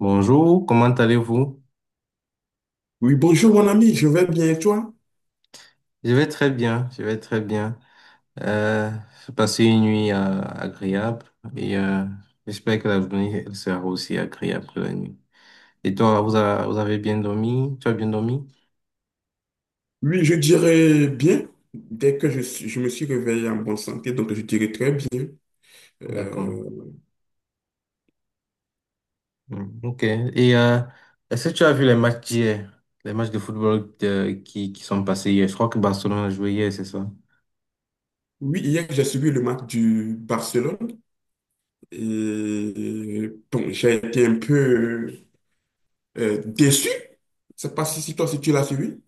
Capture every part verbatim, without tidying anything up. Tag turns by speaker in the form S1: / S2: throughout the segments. S1: Bonjour, comment allez-vous?
S2: Oui, bonjour mon ami, je vais bien et toi?
S1: Je vais très bien, je vais très bien. Euh, j'ai passé une nuit euh, agréable et euh, j'espère que la journée elle sera aussi agréable que la nuit. Et toi, vous, a- vous avez bien dormi? Tu as bien dormi?
S2: Oui, je dirais bien. Dès que je, suis- je me suis réveillé en bonne santé, donc je dirais très bien.
S1: D'accord.
S2: Euh,
S1: Mm, ok. Et euh, est-ce que tu as vu les matchs d'hier? Les matchs de football euh, qui, qui sont passés hier? Je crois que Barcelone a joué hier, c'est ça?
S2: oui, hier, j'ai suivi le match du Barcelone et bon, j'ai été un peu euh, déçu. Je sais pas si, si toi, si tu l'as suivi.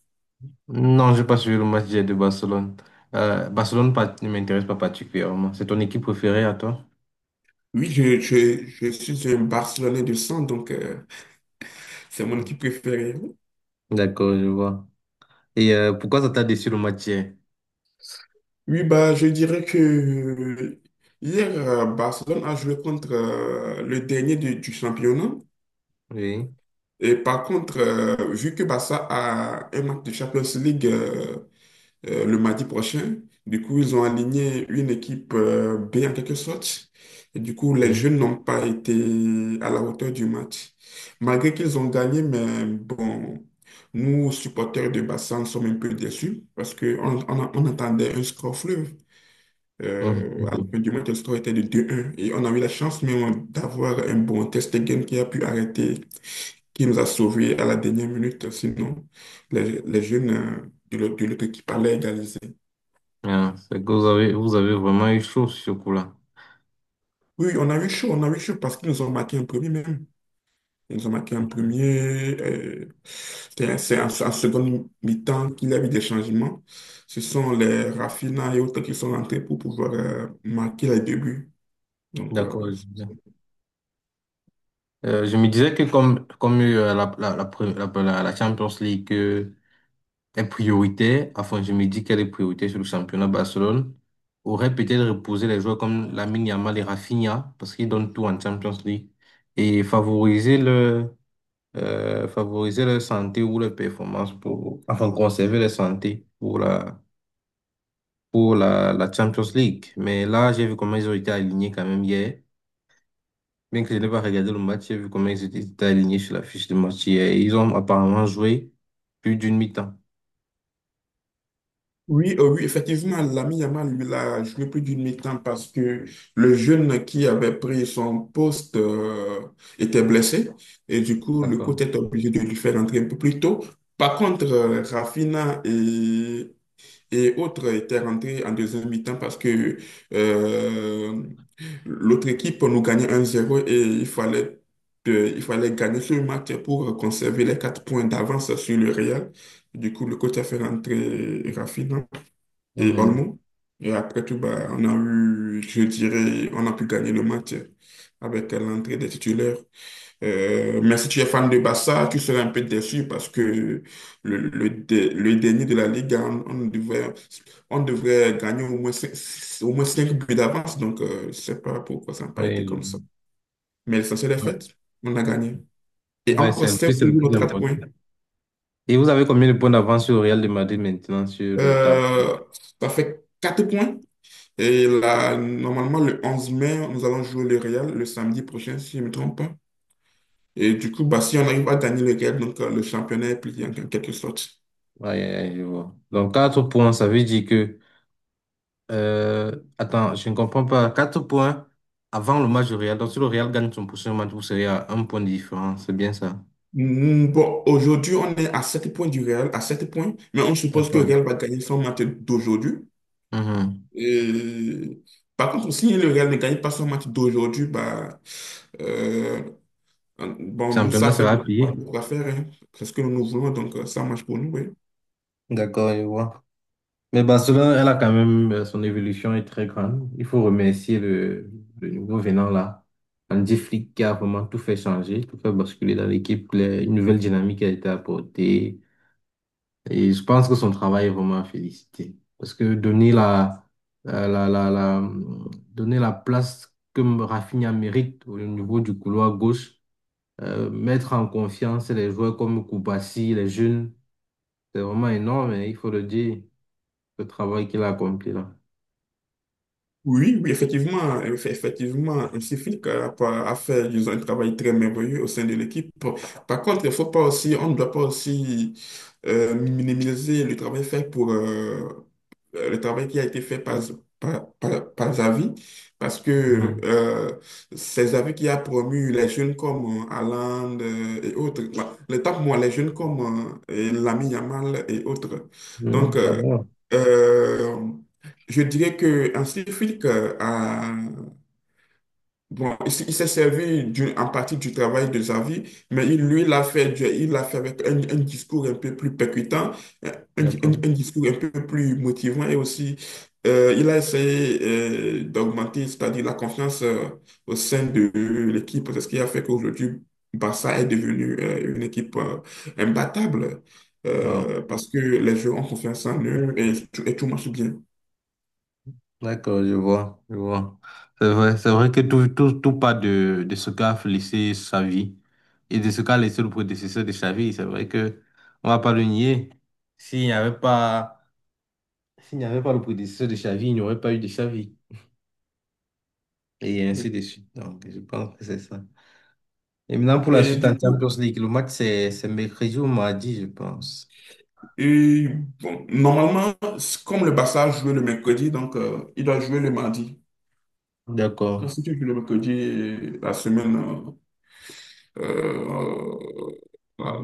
S1: Non, je n'ai pas suivi le match d'hier de Barcelone. Euh, Barcelone pas- ne m'intéresse pas particulièrement. C'est ton équipe préférée à toi?
S2: Oui, je, je, je suis un Barcelonais de sang, donc euh, c'est mon équipe préférée.
S1: D'accord, je vois. Et euh, pourquoi ça t'a déçu le match hier?
S2: Oui, bah, je dirais que euh, hier, euh, Barcelone a joué contre euh, le dernier du, du championnat.
S1: Oui,
S2: Et par contre, euh, vu que Barça a un match de Champions League euh, euh, le mardi prochain, du coup, ils ont aligné une équipe euh, B en quelque sorte. Et du coup, les
S1: oui.
S2: jeunes n'ont pas été à la hauteur du match. Malgré qu'ils ont gagné, mais bon, nous, supporters de Barça, nous sommes un peu déçus parce qu'on on, on on attendait un score fleuve. Euh, alors que
S1: Mhm.
S2: du moins, que le score était de deux un. Et on a eu la chance même d'avoir un bon test game qui a pu arrêter, qui nous a sauvés à la dernière minute. Sinon, les, les jeunes euh, de l'autre de l'autre équipe allaient égaliser.
S1: Ah, c'est que vous avez, vous avez vraiment eu chaud sur ce coup-là.
S2: Oui, oui, on a eu chaud, on a eu chaud parce qu'ils nous ont marqué en premier même. Ils nous ont marqué en premier. euh, c'est c'est en, en seconde mi-temps qu'il y a eu des changements. Ce sont les Rafinha et autres qui sont rentrés pour pouvoir euh, marquer les deux buts. Donc,
S1: D'accord.
S2: euh,
S1: Je Euh, je me disais que comme, comme euh, la, la, la, pre- la, la- la Champions League euh, est prioritaire, enfin je me dis qu'elle est prioritaire sur le championnat Barcelone, aurait peut-être reposé les joueurs comme Lamine Yamal et Rafinha, parce qu'ils donnent tout en Champions League, et favoriser euh, favoriser leur santé ou leur performance pour, enfin, conserver leur santé pour la, pour la, la Champions League. Mais là, j'ai vu comment ils ont été alignés quand même hier. Bien que je n'ai pas regardé le match, j'ai vu comment ils étaient étaient alignés sur la fiche de match hier. Et ils ont apparemment joué plus d'une mi-temps.
S2: Oui, euh, oui, effectivement, l'ami Yamal, lui, l'a joué plus d'une mi-temps parce que le jeune qui avait pris son poste euh, était blessé et du coup, le
S1: D'accord.
S2: coach est obligé de lui faire rentrer un peu plus tôt. Par contre, euh, Raphinha et, et autres étaient rentrés en deuxième mi-temps parce que euh, l'autre équipe nous gagnait un zéro et il fallait, euh, il fallait gagner ce match pour conserver les quatre points d'avance sur le Real. Du coup, le coach a fait rentrer Raphinha et
S1: Mhm.
S2: Olmo. Et après tout, bah, on a eu, je dirais, on a pu gagner le match avec l'entrée des titulaires. Euh, mais si tu es fan de Barça, tu serais un peu déçu parce que le, le, dé- le dernier de la Ligue, on, on devrait, on devrait gagner au moins cinq, au moins cinq buts d'avance. Donc, euh, je sais pas pourquoi ça n'a pas été
S1: Oui, je-
S2: comme ça. Mais l'essentiel est
S1: Ouais.
S2: fait, on a gagné. Et
S1: Ouais,
S2: encore
S1: c'est le plus,
S2: sept
S1: c'est le
S2: toujours nos
S1: plus
S2: quatre
S1: important.
S2: points.
S1: Et vous avez combien de points d'avance sur le Real de Madrid maintenant sur le tableau?
S2: Euh, Ça fait quatre points. Et là, normalement, le onze mai, nous allons jouer le Real le samedi prochain, si je ne me trompe pas. Et du coup, bah, si on arrive à gagner le Real, donc euh, le championnat est plié en en quelque sorte.
S1: Ouais, ouais, ouais, je vois. Donc, quatre points, ça veut dire que Euh, attends, je ne comprends pas. Quatre points avant le match du Real. Donc, si le Real gagne son prochain match, vous serez à un point de différence. C'est bien ça.
S2: Mm, bon, aujourd'hui, on est à sept points du Real, à sept points, mais on suppose que le
S1: D'accord.
S2: Real va gagner son match d'aujourd'hui.
S1: Mhm.
S2: Et par contre, si le Real ne gagne pas son match d'aujourd'hui, bah, euh,
S1: Le
S2: bon, nous, ça
S1: Championnat
S2: fait
S1: sera
S2: notre
S1: payé.
S2: notre affaire, hein. C'est ce que nous voulons, donc euh, ça marche pour nous, oui.
S1: D'accord, je vois. Mais Barcelone, elle a quand même, euh, son évolution est très grande. Il faut remercier le, le nouveau venant là, Andy Flick, qui a vraiment tout fait changer, tout fait basculer dans l'équipe. Les- Une nouvelle dynamique a été apportée. Et je pense que son travail est vraiment à féliciter. Parce que donner la, la, la, la- la- donner la place que Rafinha mérite au niveau du couloir gauche, euh, mettre en confiance les joueurs comme Koubassi, les jeunes, c'est vraiment énorme et il faut le dire, le travail qu'il a accompli là.
S2: Oui, oui, effectivement, eff- effectivement, Msiflik a, pas- a fait, disons, un travail très merveilleux au sein de l'équipe. Par contre, il faut pas aussi, on ne doit pas aussi euh, minimiser le travail fait pour euh, euh, le travail qui a été fait par, par, par, par Xavi, parce que
S1: Mhm.
S2: euh, c'est Xavi qui a promu les jeunes comme euh, Haaland euh, et autres. Bah, le tape, moi, les jeunes comme euh, et Lamine Yamal et autres. Donc,
S1: Mhm,
S2: euh,
S1: d'accord.
S2: euh, je dirais que en Afrique. Bon, il, s- il s'est servi du- en partie du travail de Xavi, mais il, lui, l'a fait, du- il l'a fait avec un, un discours un peu plus percutant, un, un-
S1: D'accord.
S2: un discours un peu plus motivant et aussi, euh, il a essayé euh, d'augmenter, c'est-à-dire la confiance euh, au sein de l'équipe, c'est ce qui a fait qu'aujourd'hui, Barça est devenu euh, une équipe euh, imbattable
S1: Wow.
S2: euh, parce que les joueurs ont confiance en eux et, tout et tout marche bien.
S1: D'accord, je vois, je vois. C'est vrai, c'est vrai que tout, tout, tout part de, de ce qu'a laissé sa vie et de ce qu'a laissé le prédécesseur de sa vie. C'est vrai que on va pas le nier. S'il n'y avait pas, s'il n'y avait pas le prédécesseur de sa vie, il n'y aurait pas eu de sa vie. Et ainsi
S2: Oui.
S1: de suite. Donc, je pense que c'est ça. Et maintenant, pour la
S2: Et
S1: suite
S2: du
S1: en
S2: coup,
S1: Champions League, le match, c'est, c'est mercredi ou mardi, je pense.
S2: et bon, normalement, c'est comme le Barça joue le mercredi, donc euh, il doit jouer le mardi. Quand
S1: D'accord.
S2: si tu joues le mercredi, euh, la semaine, euh, euh, la,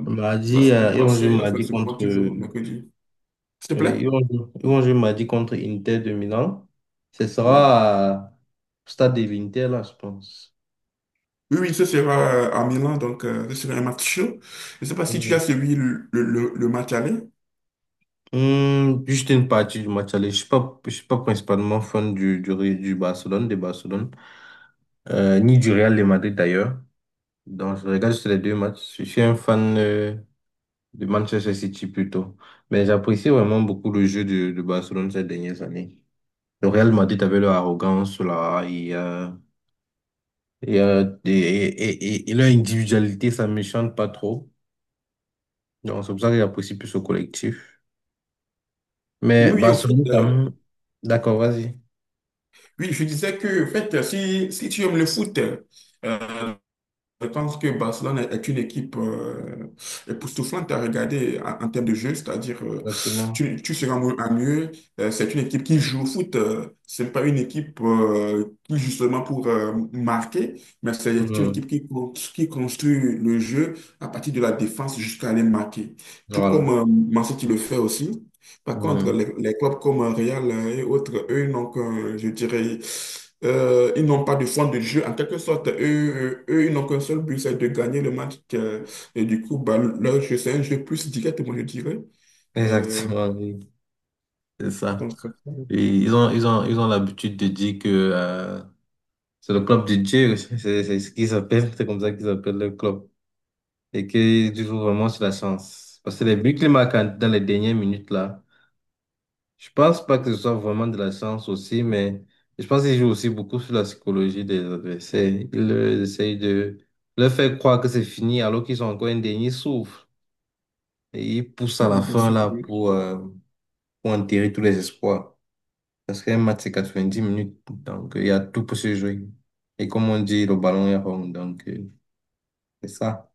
S2: la
S1: Mardi,
S2: semaine
S1: euh, et on joue
S2: passée, la semaine
S1: mardi
S2: suivante,
S1: contre
S2: tu joues le mercredi. S'il te plaît?
S1: Oui, Yonju m'a dit contre Inter de Milan. Ce
S2: Oui.
S1: sera au stade de l'Inter, là, je pense.
S2: Oui, oui, ce sera euh, à Milan, donc euh, ce sera un match chaud. Je ne sais pas si tu as
S1: Mhm.
S2: suivi le, le, le- le match aller.
S1: Hmm, juste une partie du match aller. Je suis pas, je suis pas principalement fan du, du, Ré- du Barcelone, de Barcelone, euh, ni du Real de Madrid d'ailleurs. Donc, je regarde juste les deux matchs. Je suis un fan euh, de Manchester City plutôt. Mais j'apprécie vraiment beaucoup le jeu de, de Barcelone ces dernières années. Le Real Madrid avait leur arrogance là. Et, euh, Et, euh, et, et, et- et leur individualité, ça ne me chante pas trop. Donc, c'est pour ça que j'apprécie plus au collectif. Mais
S2: Oui, oui, au fait,
S1: Barcelone, quand
S2: euh,
S1: même. D'accord, vas-y.
S2: oui, je disais que, en fait, si, si tu aimes le foot, euh, je pense que Barcelone est est une équipe euh, époustouflante à regarder en, en termes de jeu, c'est-à-dire euh,
S1: Exactement.
S2: tu, tu seras mieux, à mieux. Euh, c'est une équipe qui joue au foot. Euh, c'est pas une équipe euh, qui justement pour euh, marquer, mais c'est une
S1: Mhm.
S2: équipe qui, con- qui construit le jeu à partir de la défense jusqu'à les marquer. Tout comme
S1: Voilà.
S2: euh, Manchester City le fait aussi. Par contre,
S1: Mhm.
S2: les, les clubs comme euh, Real euh, et autres, eux, donc, euh, je dirais, euh, ils n'ont pas de fond de jeu. En quelque sorte, eux, eux, ils n'ont qu'un seul but, c'est de gagner le match. Euh, et du coup, bah, leur jeu, c'est un jeu plus direct, moi, je dirais. Euh,
S1: Exactement, oui. C'est
S2: Dans
S1: ça.
S2: ce sens,
S1: Et ils ont, ils ont, ils ont l'habitude de dire que euh, c'est le club de Dieu, c'est c'est ce qu'ils appellent, c'est comme ça qu'ils appellent le club. Et qu'ils jouent vraiment sur la chance. Parce que les buts qu'ils marquent en- dans les dernières minutes, là, je pense pas que ce soit vraiment de la chance aussi, mais je pense qu'il joue aussi beaucoup sur la psychologie des adversaires. Il euh, essaye de leur faire croire que c'est fini alors qu'ils ont encore un dernier souffle. Et ils poussent à la
S2: oui, bien
S1: fin
S2: sûr que
S1: là
S2: oui.
S1: pour, euh, pour enterrer tous les espoirs. Parce qu'un match, c'est quatre-vingt-dix minutes, donc euh, il y a tout pour se jouer. Et comme on dit, le ballon est rond, donc euh, c'est ça.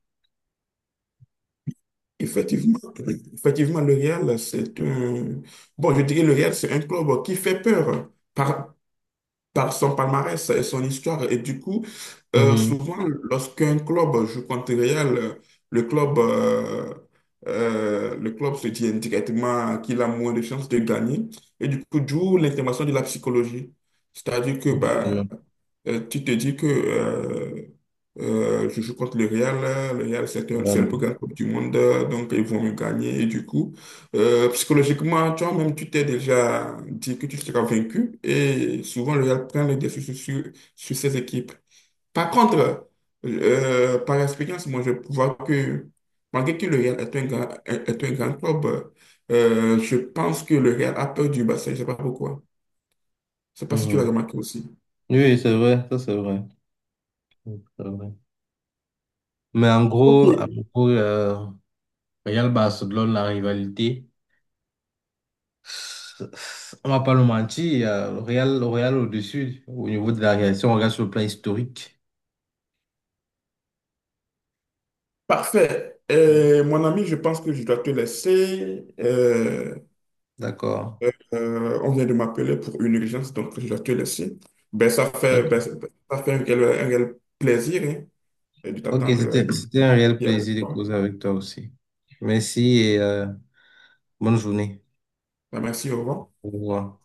S2: Effectivement, effectivement, le Real, c'est un... Bon, je dirais le Real, c'est un club qui fait peur. Par, par son palmarès et son histoire. Et du coup, euh,
S1: Mhm.
S2: souvent, lorsqu'un club joue contre Real, le club, euh, euh, le club se dit indirectement qu'il a moins de chances de gagner. Et du coup, d'où l'intervention de la psychologie. C'est-à-dire que bah,
S1: Exactement.
S2: euh, tu te dis que euh, euh, je joue contre le Real. euh, Le Real, c'est un- c'est
S1: Voilà.
S2: le plus grand club du monde, euh, donc ils vont me gagner. Et du coup, euh, psychologiquement, toi-même, tu t'es déjà dit que tu seras vaincu. Et souvent, le Real prend le dessus sur, sur, sur ses équipes. Par contre, euh, par expérience, moi, je vois que malgré que le Real est un grand, est est un grand club, euh, je pense que le Real a peur du bassin. Je ne sais pas pourquoi. Je ne sais pas si tu l'as
S1: Mhm.
S2: remarqué aussi.
S1: Oui, oui, c'est vrai, ça c'est vrai. C'est vrai. Mais en
S2: Ok,
S1: gros, en gros, euh, Real Barcelone, la rivalité. On va pas le mentir, il y a le Real, le Real au-dessus, au niveau de la réalisation, on regarde sur le plan historique.
S2: parfait. Euh, mon ami, je pense que je dois te laisser. Euh,
S1: D'accord.
S2: euh, euh, on vient de m'appeler pour une urgence, donc je dois te laisser. Ben, ça fait,
S1: D'accord.
S2: ben, ça fait un réel, un réel plaisir hein, de
S1: Ok,
S2: t'attendre. Euh,
S1: c'était, c'était un réel
S2: ici avec
S1: plaisir de causer avec toi aussi. Merci et euh, bonne journée.
S2: ben, merci, au revoir.
S1: Au revoir.